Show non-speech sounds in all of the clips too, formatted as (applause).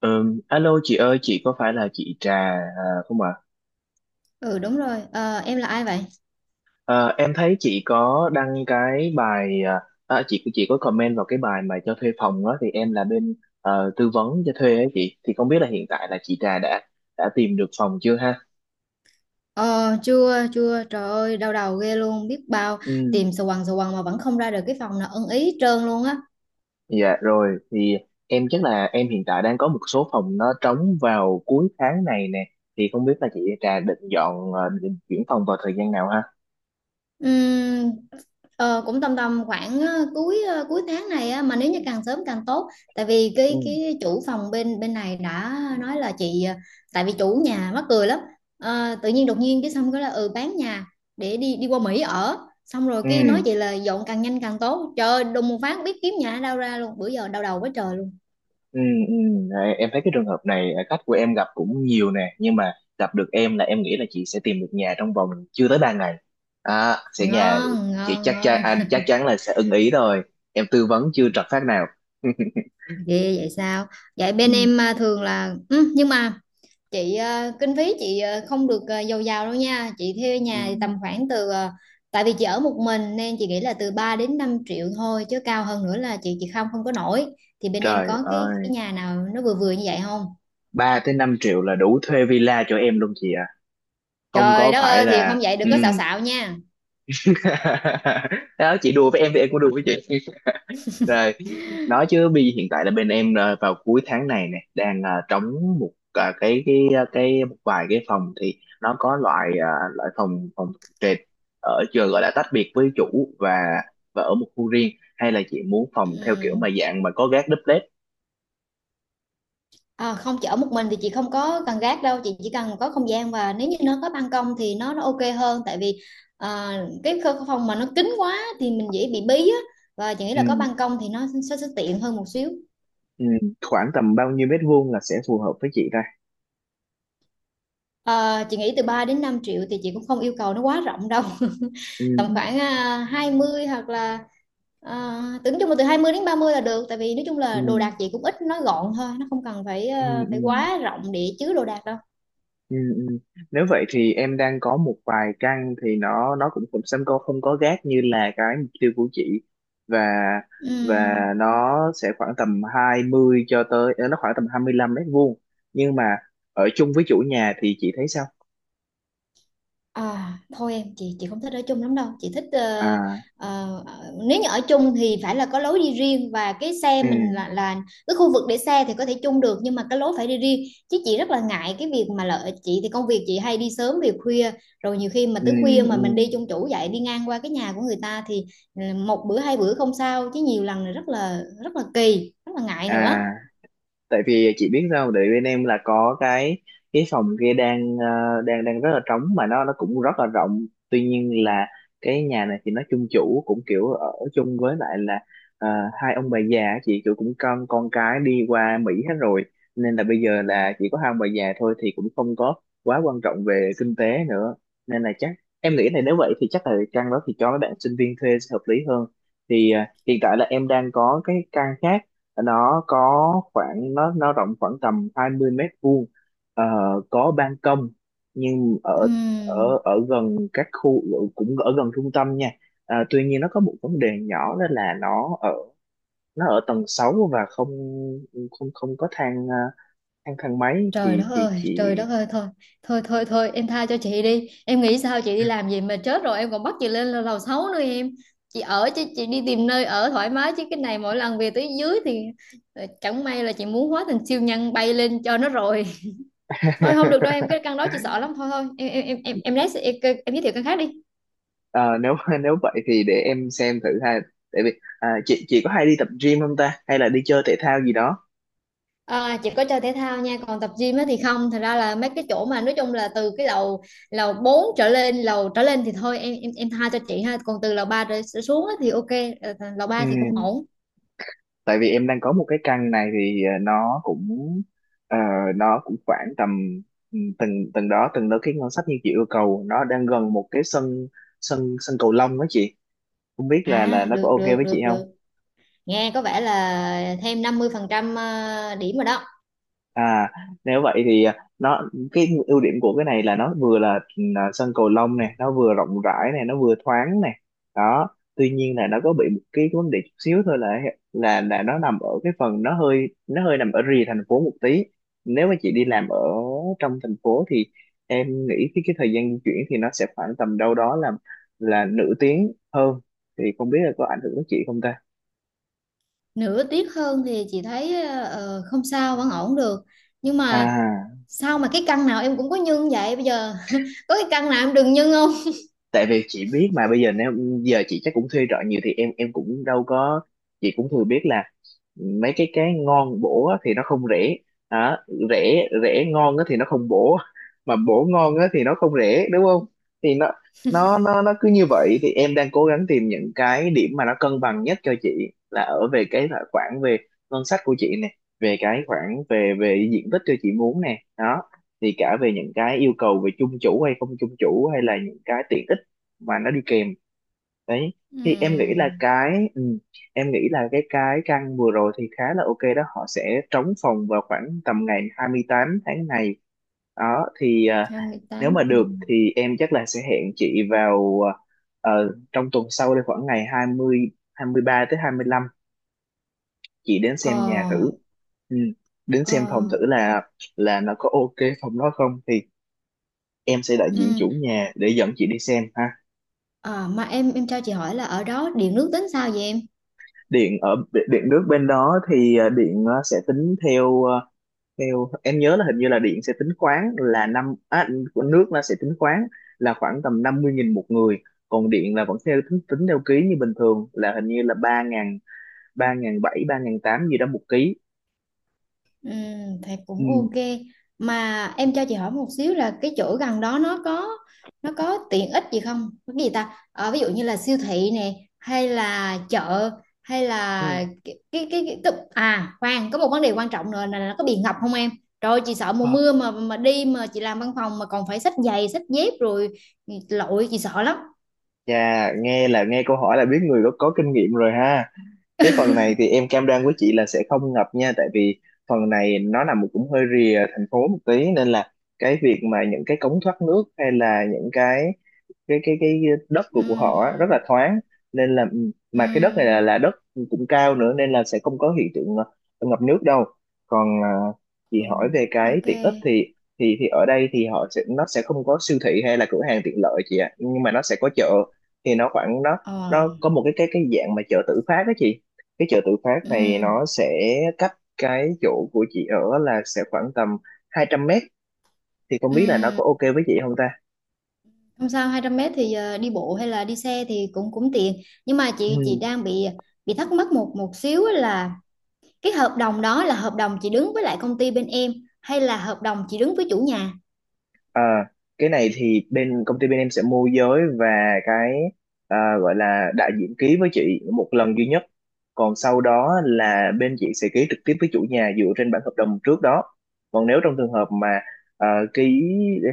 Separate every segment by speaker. Speaker 1: Alo chị ơi, chị có phải là chị Trà không ạ?
Speaker 2: Ừ Đúng rồi. Ờ, em là ai vậy?
Speaker 1: Ờ, em thấy chị có đăng cái bài chị có comment vào cái bài mà cho thuê phòng đó thì em là bên tư vấn cho thuê ấy chị. Thì không biết là hiện tại là chị Trà đã tìm được phòng chưa ha?
Speaker 2: Ờ Chưa chưa, trời ơi đau đầu ghê luôn, biết bao
Speaker 1: Ừ,
Speaker 2: tìm sờ quần mà vẫn không ra được cái phòng nào ưng ý hết trơn luôn á.
Speaker 1: dạ rồi thì em chắc là em hiện tại đang có một số phòng nó trống vào cuối tháng này nè. Thì không biết là chị Trà định dọn định chuyển phòng vào thời gian nào ha?
Speaker 2: Ừm, cũng tầm tầm khoảng cuối tháng này á, mà nếu như càng sớm càng tốt, tại vì cái
Speaker 1: Ừm.
Speaker 2: cái chủ phòng bên bên này đã nói là chị tại vì chủ nhà mắc cười lắm. Tự nhiên đột nhiên cái xong cái là ừ bán nhà để đi đi qua Mỹ ở, xong rồi
Speaker 1: Ừ.
Speaker 2: cái nói chị là dọn càng nhanh càng tốt, trời ơi đùng một phát biết kiếm nhà ở đâu ra luôn, bữa giờ đau đầu quá trời luôn.
Speaker 1: Ừ, ừ. Đấy, em thấy cái trường hợp này khách của em gặp cũng nhiều nè nhưng mà gặp được em là em nghĩ là chị sẽ tìm được nhà trong vòng chưa tới 3 ngày sẽ nhà
Speaker 2: Ngon
Speaker 1: chị
Speaker 2: ngon
Speaker 1: chắc chắn
Speaker 2: ngon.
Speaker 1: à, chắc chắn là sẽ ưng ý rồi, em tư vấn chưa trật phát nào. (laughs)
Speaker 2: Ghê vậy sao? Vậy bên
Speaker 1: Ừ,
Speaker 2: em thường là ừ, nhưng mà chị kinh phí chị không được giàu giàu đâu nha, chị thuê
Speaker 1: ừ.
Speaker 2: nhà thì tầm khoảng từ tại vì chị ở một mình nên chị nghĩ là từ 3 đến 5 triệu thôi, chứ cao hơn nữa là chị không không có nổi. Thì bên em
Speaker 1: Trời
Speaker 2: có cái
Speaker 1: ơi,
Speaker 2: cái nhà nào nó vừa vừa như vậy không?
Speaker 1: 3 tới 5 triệu là đủ thuê villa cho em luôn chị ạ, không
Speaker 2: Trời
Speaker 1: có
Speaker 2: đất
Speaker 1: phải
Speaker 2: ơi, thì
Speaker 1: là.
Speaker 2: không vậy đừng
Speaker 1: Ừ.
Speaker 2: có xạo xạo nha.
Speaker 1: (laughs) Đó, chị đùa với em thì em cũng đùa với chị. Rồi, nói chứ bây hiện tại là bên em vào cuối tháng này nè đang trống một cái cái một vài cái phòng thì nó có loại loại phòng phòng trệt ở trường gọi là tách biệt với chủ và ở một khu riêng, hay là chị muốn phòng theo kiểu
Speaker 2: Ừ.
Speaker 1: mà dạng mà có gác đúp led.
Speaker 2: À không, chị ở một mình thì chị không có cần gác đâu, chị chỉ cần có không gian và nếu như nó có ban công thì nó ok hơn, tại vì à, phòng mà nó kín quá thì mình dễ bị bí á, và chị nghĩ là có
Speaker 1: Ừ,
Speaker 2: ban công thì nó sẽ tiện hơn một xíu.
Speaker 1: ừ. Khoảng tầm bao nhiêu mét vuông là sẽ phù hợp với chị ta?
Speaker 2: Chị nghĩ từ 3 đến 5 triệu thì chị cũng không yêu cầu nó quá rộng đâu.
Speaker 1: Ừ,
Speaker 2: (laughs) Tầm khoảng 20 hoặc là tưởng chung là từ 20 đến 30 là được, tại vì nói chung
Speaker 1: ừ,
Speaker 2: là đồ đạc chị cũng ít, nó gọn thôi, nó không cần phải
Speaker 1: ừ,
Speaker 2: phải
Speaker 1: ừ.
Speaker 2: quá rộng để chứa đồ đạc đâu.
Speaker 1: Ừ, ừ. Nếu vậy thì em đang có một vài căn thì nó cũng cũng sẽ không không có gác như là cái mục tiêu của chị, và và
Speaker 2: Ừm.
Speaker 1: nó sẽ khoảng tầm 20 cho tới nó khoảng tầm 25 mét vuông, nhưng mà ở chung với chủ nhà thì chị thấy sao?
Speaker 2: À thôi em, chị không thích ở chung lắm đâu, chị thích
Speaker 1: À,
Speaker 2: ờ, nếu như ở chung thì phải là có lối đi riêng, và cái xe
Speaker 1: ừ,
Speaker 2: mình là cái khu vực để xe thì có thể chung được, nhưng mà cái lối phải đi riêng. Chứ chị rất là ngại cái việc mà lợi chị thì công việc chị hay đi sớm về khuya, rồi nhiều khi mà
Speaker 1: ừ,
Speaker 2: tới khuya mà
Speaker 1: ừ
Speaker 2: mình đi chung chủ vậy, đi ngang qua cái nhà của người ta thì ừ, một bữa hai bữa không sao, chứ nhiều lần là rất là rất là kỳ, rất là ngại nữa.
Speaker 1: à, tại vì chị biết sao không? Tại bên em là có cái phòng kia đang đang rất là trống mà nó cũng rất là rộng, tuy nhiên là cái nhà này thì nó chung chủ cũng kiểu ở chung với lại là ờ, hai ông bà già á chị, kiểu cũng con cái đi qua Mỹ hết rồi, nên là bây giờ là chỉ có hai ông bà già thôi thì cũng không có quá quan trọng về kinh tế nữa, nên là chắc em nghĩ là nếu vậy thì chắc là căn đó thì cho mấy bạn sinh viên thuê sẽ hợp lý hơn. Thì hiện tại là em đang có cái căn khác, nó có khoảng nó rộng khoảng tầm 20 mét vuông. Ờ, có ban công nhưng ở ở
Speaker 2: Ừm.
Speaker 1: ở gần các khu, cũng ở gần trung tâm nha. Ờ, tuy nhiên nó có một vấn đề nhỏ đó là nó ở tầng 6 và không không không có thang thang thang máy thì chị.
Speaker 2: Trời đất ơi thôi, thôi em tha cho chị đi. Em nghĩ sao chị đi làm gì mà chết rồi em còn bắt chị lên lầu lầu sáu nữa em. Chị ở chứ, chị đi tìm nơi ở thoải mái, chứ cái này mỗi lần về tới dưới thì chẳng may là chị muốn hóa thành siêu nhân bay lên cho nó rồi. (laughs) Thôi không được đâu em, cái căn đó chị sợ
Speaker 1: (laughs)
Speaker 2: lắm, thôi thôi. Em lấy em giới thiệu căn khác đi.
Speaker 1: Ờ, nếu nếu vậy thì để em xem thử ha, tại vì chị có hay đi tập gym không ta, hay là đi chơi thể thao gì đó?
Speaker 2: À, chỉ có chơi thể thao nha, còn tập gym á thì không, thật ra là mấy cái chỗ mà nói chung là từ cái lầu lầu 4 trở lên lầu trở lên thì thôi, em tha cho chị ha, còn từ lầu ba trở trở xuống á thì ok. Lầu
Speaker 1: Ừ,
Speaker 2: ba thì cũng ổn.
Speaker 1: tại vì em đang có một cái căn này thì nó cũng ờ, nó cũng khoảng tầm ừ, từng từng đó cái ngân sách như chị yêu cầu, nó đang gần một cái sân sân sân cầu lông đó chị, không biết là
Speaker 2: À
Speaker 1: nó có
Speaker 2: được
Speaker 1: ok
Speaker 2: được
Speaker 1: với chị
Speaker 2: được
Speaker 1: không?
Speaker 2: được nghe có vẻ là thêm 50% điểm rồi đó.
Speaker 1: À, nếu vậy thì nó cái ưu điểm của cái này là nó vừa là sân cầu lông này, nó vừa rộng rãi này, nó vừa thoáng này. Đó, tuy nhiên là nó có bị một cái vấn đề chút xíu thôi là nó nằm ở cái phần nó hơi nằm ở rìa thành phố một tí. Nếu mà chị đi làm ở trong thành phố thì em nghĩ cái thời gian di chuyển thì nó sẽ khoảng tầm đâu đó là nửa tiếng hơn. Thì không biết là có ảnh hưởng đến chị không ta?
Speaker 2: Nửa tiết hơn thì chị thấy không sao, vẫn ổn được. Nhưng mà
Speaker 1: À.
Speaker 2: sao mà cái căn nào em cũng có nhân vậy bây giờ? (laughs) Có cái căn nào em đừng nhân không?
Speaker 1: Tại vì chị biết mà bây giờ nếu giờ chị chắc cũng thuê trọ nhiều thì em cũng đâu có, chị cũng thừa biết là mấy cái ngon bổ á thì nó không rẻ. Đó, rẻ rẻ ngon á thì nó không bổ, mà bổ ngon á thì nó không rẻ đúng không? Thì nó cứ như vậy thì em đang cố gắng tìm những cái điểm mà nó cân bằng nhất cho chị, là ở về cái là khoản về ngân sách của chị nè, về cái khoản về về diện tích cho chị muốn nè đó, thì cả về những cái yêu cầu về chung chủ hay không chung chủ, hay là những cái tiện ích mà nó đi kèm đấy. Thì em nghĩ là
Speaker 2: Ừm,
Speaker 1: cái ừ, em nghĩ là cái căn vừa rồi thì khá là ok đó, họ sẽ trống phòng vào khoảng tầm ngày 28 tháng này đó. Thì nếu mà
Speaker 2: 28, ừ.
Speaker 1: được thì em chắc là sẽ hẹn chị vào trong tuần sau đây khoảng ngày hai hai mươi ba tới hai mươi lăm, chị đến xem nhà thử.
Speaker 2: Ờ.
Speaker 1: Ừ. Đến xem phòng
Speaker 2: Ờ,
Speaker 1: thử là nó có ok phòng đó không, thì em sẽ đại
Speaker 2: ừ.
Speaker 1: diện chủ nhà để dẫn chị đi xem ha.
Speaker 2: À, mà em cho chị hỏi là ở đó điện nước tính sao vậy em?
Speaker 1: Điện ở điện nước bên đó thì điện sẽ tính theo theo em nhớ là hình như là điện sẽ tính khoáng là năm nước nó sẽ tính khoáng là khoảng tầm 50.000 một người, còn điện là vẫn theo tính, tính theo ký như bình thường là hình như là ba ngàn bảy ba ngàn tám gì đó một ký.
Speaker 2: Ừ, thì
Speaker 1: Ừ.
Speaker 2: cũng ok. Mà em cho chị hỏi một xíu là cái chỗ gần đó nó có tiện ích gì không? Có cái gì ta? Ờ, ví dụ như là siêu thị nè, hay là chợ, hay
Speaker 1: Ừ.
Speaker 2: là à khoan, có một vấn đề quan trọng nữa là nó có bị ngập không em? Rồi chị sợ mùa
Speaker 1: Ờ,
Speaker 2: mưa mà đi mà chị làm văn phòng mà còn phải xách giày, xách dép rồi lội, chị sợ lắm.
Speaker 1: Chà, nghe là nghe câu hỏi là biết người có kinh nghiệm rồi ha. Cái phần này thì em cam đoan với chị là sẽ không ngập nha, tại vì phần này nó nằm cũng hơi rìa thành phố một tí nên là cái việc mà những cái cống thoát nước hay là những cái đất
Speaker 2: Ừ.
Speaker 1: của họ á, rất là thoáng, nên là mà cái đất này
Speaker 2: Ừ.
Speaker 1: là đất cũng cao nữa, nên là sẽ không có hiện tượng ngập nước đâu. Còn chị
Speaker 2: Ừ,
Speaker 1: hỏi về cái
Speaker 2: ok.
Speaker 1: tiện ích thì ở đây thì họ sẽ nó sẽ không có siêu thị hay là cửa hàng tiện lợi chị ạ, nhưng mà nó sẽ có chợ. Thì nó khoảng
Speaker 2: Ờ,
Speaker 1: nó có một cái dạng mà chợ tự phát đó chị, cái chợ tự phát này
Speaker 2: ừ,
Speaker 1: nó sẽ cách cái chỗ của chị ở là sẽ khoảng tầm 200 mét, thì không biết là nó
Speaker 2: ừ.
Speaker 1: có ok với chị không
Speaker 2: Không sao, 200 m thì đi bộ hay là đi xe thì cũng cũng tiện. Nhưng mà chị
Speaker 1: ta?
Speaker 2: đang bị thắc mắc một một xíu á là cái hợp đồng đó là hợp đồng chị đứng với lại công ty bên em, hay là hợp đồng chị đứng với chủ nhà?
Speaker 1: À, cái này thì bên công ty bên em sẽ môi giới và cái gọi là đại diện ký với chị một lần duy nhất. Còn sau đó là bên chị sẽ ký trực tiếp với chủ nhà dựa trên bản hợp đồng trước đó. Còn nếu trong trường hợp mà à, ký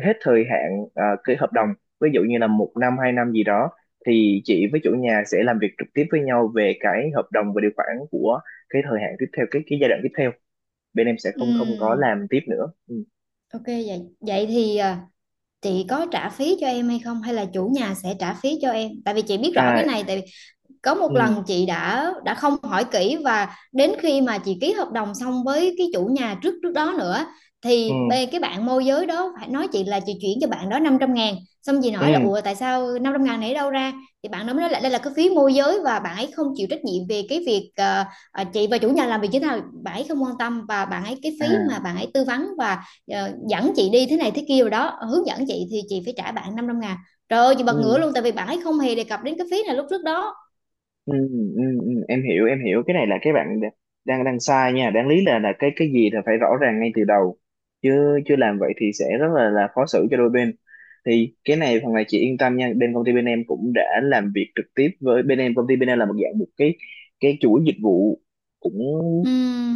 Speaker 1: hết thời hạn ký hợp đồng, ví dụ như là một năm hai năm gì đó, thì chị với chủ nhà sẽ làm việc trực tiếp với nhau về cái hợp đồng và điều khoản của cái thời hạn tiếp theo, cái giai đoạn tiếp theo. Bên em sẽ
Speaker 2: Ừ,
Speaker 1: không không có làm tiếp nữa. Ừ.
Speaker 2: ok vậy. Vậy thì chị có trả phí cho em hay không hay là chủ nhà sẽ trả phí cho em? Tại vì chị biết rõ cái
Speaker 1: À,
Speaker 2: này, tại có một
Speaker 1: ừ,
Speaker 2: lần chị đã không hỏi kỹ, và đến khi mà chị ký hợp đồng xong với cái chủ nhà trước trước đó nữa
Speaker 1: ừ.
Speaker 2: thì bê cái bạn môi giới đó phải nói chị là chị chuyển cho bạn đó 500.000. Xong chị
Speaker 1: Ừ,
Speaker 2: nói là ủa tại sao 500.000 này đâu ra? Thì bạn đó mới nói là đây là cái phí môi giới, và bạn ấy không chịu trách nhiệm về cái việc chị và chủ nhà làm việc như thế nào, bạn ấy không quan tâm, và bạn ấy cái phí mà
Speaker 1: à,
Speaker 2: bạn ấy tư vấn và dẫn chị đi thế này thế kia rồi đó hướng dẫn chị thì chị phải trả bạn 500.000. Trời ơi, chị bật ngửa
Speaker 1: ừ.
Speaker 2: luôn, tại vì bạn ấy không hề đề cập đến cái phí này lúc trước đó.
Speaker 1: Ừ, ừ, ừ, em hiểu cái này là cái bạn đ- đang đang sai nha, đáng lý là cái gì là phải rõ ràng ngay từ đầu, chứ chưa làm vậy thì sẽ rất là khó xử cho đôi bên. Thì cái này phần này chị yên tâm nha, bên công ty bên em cũng đã làm việc trực tiếp với bên em công ty bên em là một dạng một cái chuỗi dịch vụ, cũng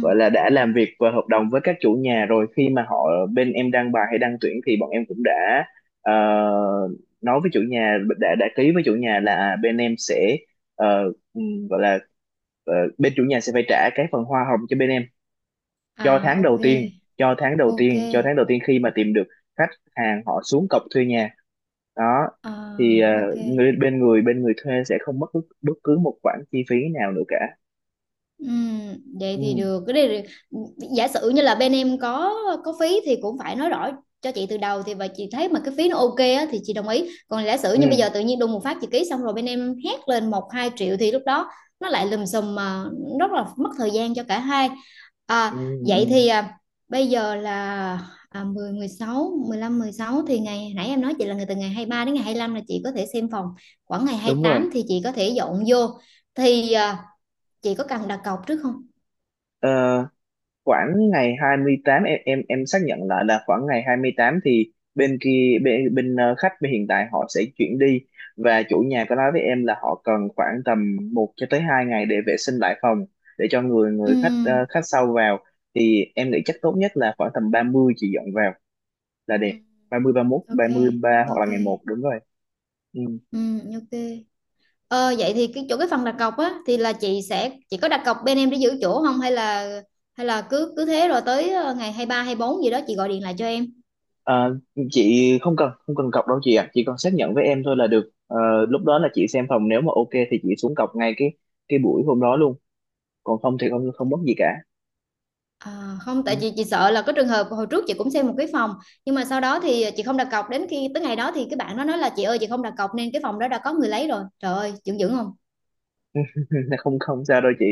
Speaker 1: gọi là đã làm việc và hợp đồng với các chủ nhà rồi, khi mà họ bên em đăng bài hay đăng tuyển thì bọn em cũng đã ờ, nói với chủ nhà đã ký với chủ nhà là bên em sẽ ờ, ừ, gọi là bên chủ nhà sẽ phải trả cái phần hoa hồng cho bên em cho
Speaker 2: À
Speaker 1: tháng
Speaker 2: ok,
Speaker 1: đầu tiên cho tháng đầu
Speaker 2: ok,
Speaker 1: tiên cho tháng đầu tiên khi mà tìm được khách hàng, họ xuống cọc thuê nhà đó.
Speaker 2: à
Speaker 1: Thì
Speaker 2: ok.
Speaker 1: người bên người bên người thuê sẽ không mất bất, bất cứ một khoản chi phí nào nữa cả.
Speaker 2: Ừm, vậy thì
Speaker 1: Ừ,
Speaker 2: được, cái này giả sử như là bên em có phí thì cũng phải nói rõ cho chị từ đầu, thì và chị thấy mà cái phí nó ok á thì chị đồng ý, còn giả sử
Speaker 1: ừ,
Speaker 2: như bây giờ tự nhiên đùng một phát chị ký xong rồi bên em hét lên 1-2 triệu thì lúc đó nó lại lùm xùm, mà rất là mất thời gian cho cả hai.
Speaker 1: ừ, ừ, ừ.
Speaker 2: Vậy thì bây giờ là 10 16 15, 16 thì ngày nãy em nói chị là người từ ngày 23 đến ngày 25 là chị có thể xem phòng, khoảng ngày hai
Speaker 1: Đúng
Speaker 2: mươi
Speaker 1: rồi.
Speaker 2: tám thì chị có thể dọn vô. Thì chị có cần đặt cọc trước không?
Speaker 1: Ờ, khoảng ngày 28 em xác nhận lại là khoảng ngày 28 thì bên kia bên, bên khách bên hiện tại họ sẽ chuyển đi, và chủ nhà có nói với em là họ cần khoảng tầm một cho tới hai ngày để vệ sinh lại phòng để cho người người khách
Speaker 2: Ừm,
Speaker 1: khách sau vào. Thì em nghĩ chắc tốt nhất là khoảng tầm 30 chị dọn vào là đẹp,
Speaker 2: ừm,
Speaker 1: 30 31 ba
Speaker 2: ok,
Speaker 1: mốt ba mươi ba hoặc là
Speaker 2: ok,
Speaker 1: ngày một, đúng rồi. Ừ.
Speaker 2: ok. Ờ, vậy thì cái chỗ cái phần đặt cọc á thì là chị sẽ chị có đặt cọc bên em để giữ chỗ không, hay là hay là cứ cứ thế rồi tới ngày 23-24 gì đó chị gọi điện lại cho em.
Speaker 1: Ờ, chị không cần không cần cọc đâu chị ạ, chị còn xác nhận với em thôi là được. Ờ, lúc đó là chị xem phòng nếu mà ok thì chị xuống cọc ngay cái buổi hôm đó luôn, còn không thì không không mất gì cả.
Speaker 2: À không,
Speaker 1: Ừ.
Speaker 2: tại chị sợ là có trường hợp hồi trước chị cũng xem một cái phòng, nhưng mà sau đó thì chị không đặt cọc, đến khi tới ngày đó thì cái bạn nó nói là chị ơi chị không đặt cọc nên cái phòng đó đã có người lấy rồi. Trời ơi, dựng dữ không?
Speaker 1: (laughs) Không không sao đâu chị,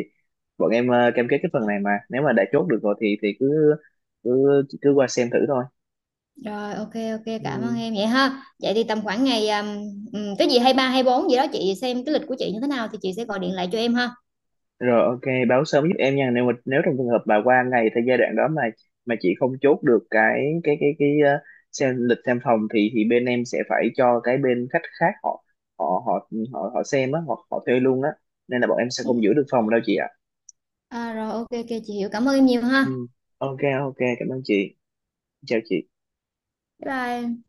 Speaker 1: bọn em cam kết cái phần này mà nếu mà đã chốt được rồi thì cứ cứ cứ qua xem thử thôi.
Speaker 2: Rồi ok ok, cảm
Speaker 1: Ừ.
Speaker 2: ơn em vậy ha. Vậy thì tầm khoảng ngày cái gì 23-24 gì đó chị xem cái lịch của chị như thế nào thì chị sẽ gọi điện lại cho em ha.
Speaker 1: Rồi ok, báo sớm giúp em nha. Nếu mà nếu trong trường hợp bà qua ngày thời giai đoạn đó mà chị không chốt được cái xem lịch xem phòng thì bên em sẽ phải cho cái bên khách khác họ họ họ họ họ xem á, hoặc họ thuê luôn á. Nên là bọn em sẽ
Speaker 2: Ừ.
Speaker 1: không giữ được phòng đâu chị ạ.
Speaker 2: À, rồi ok ok chị hiểu, cảm ơn em nhiều ha.
Speaker 1: Ừ. Ok ok, cảm ơn chị. Chào chị.
Speaker 2: Bye bye.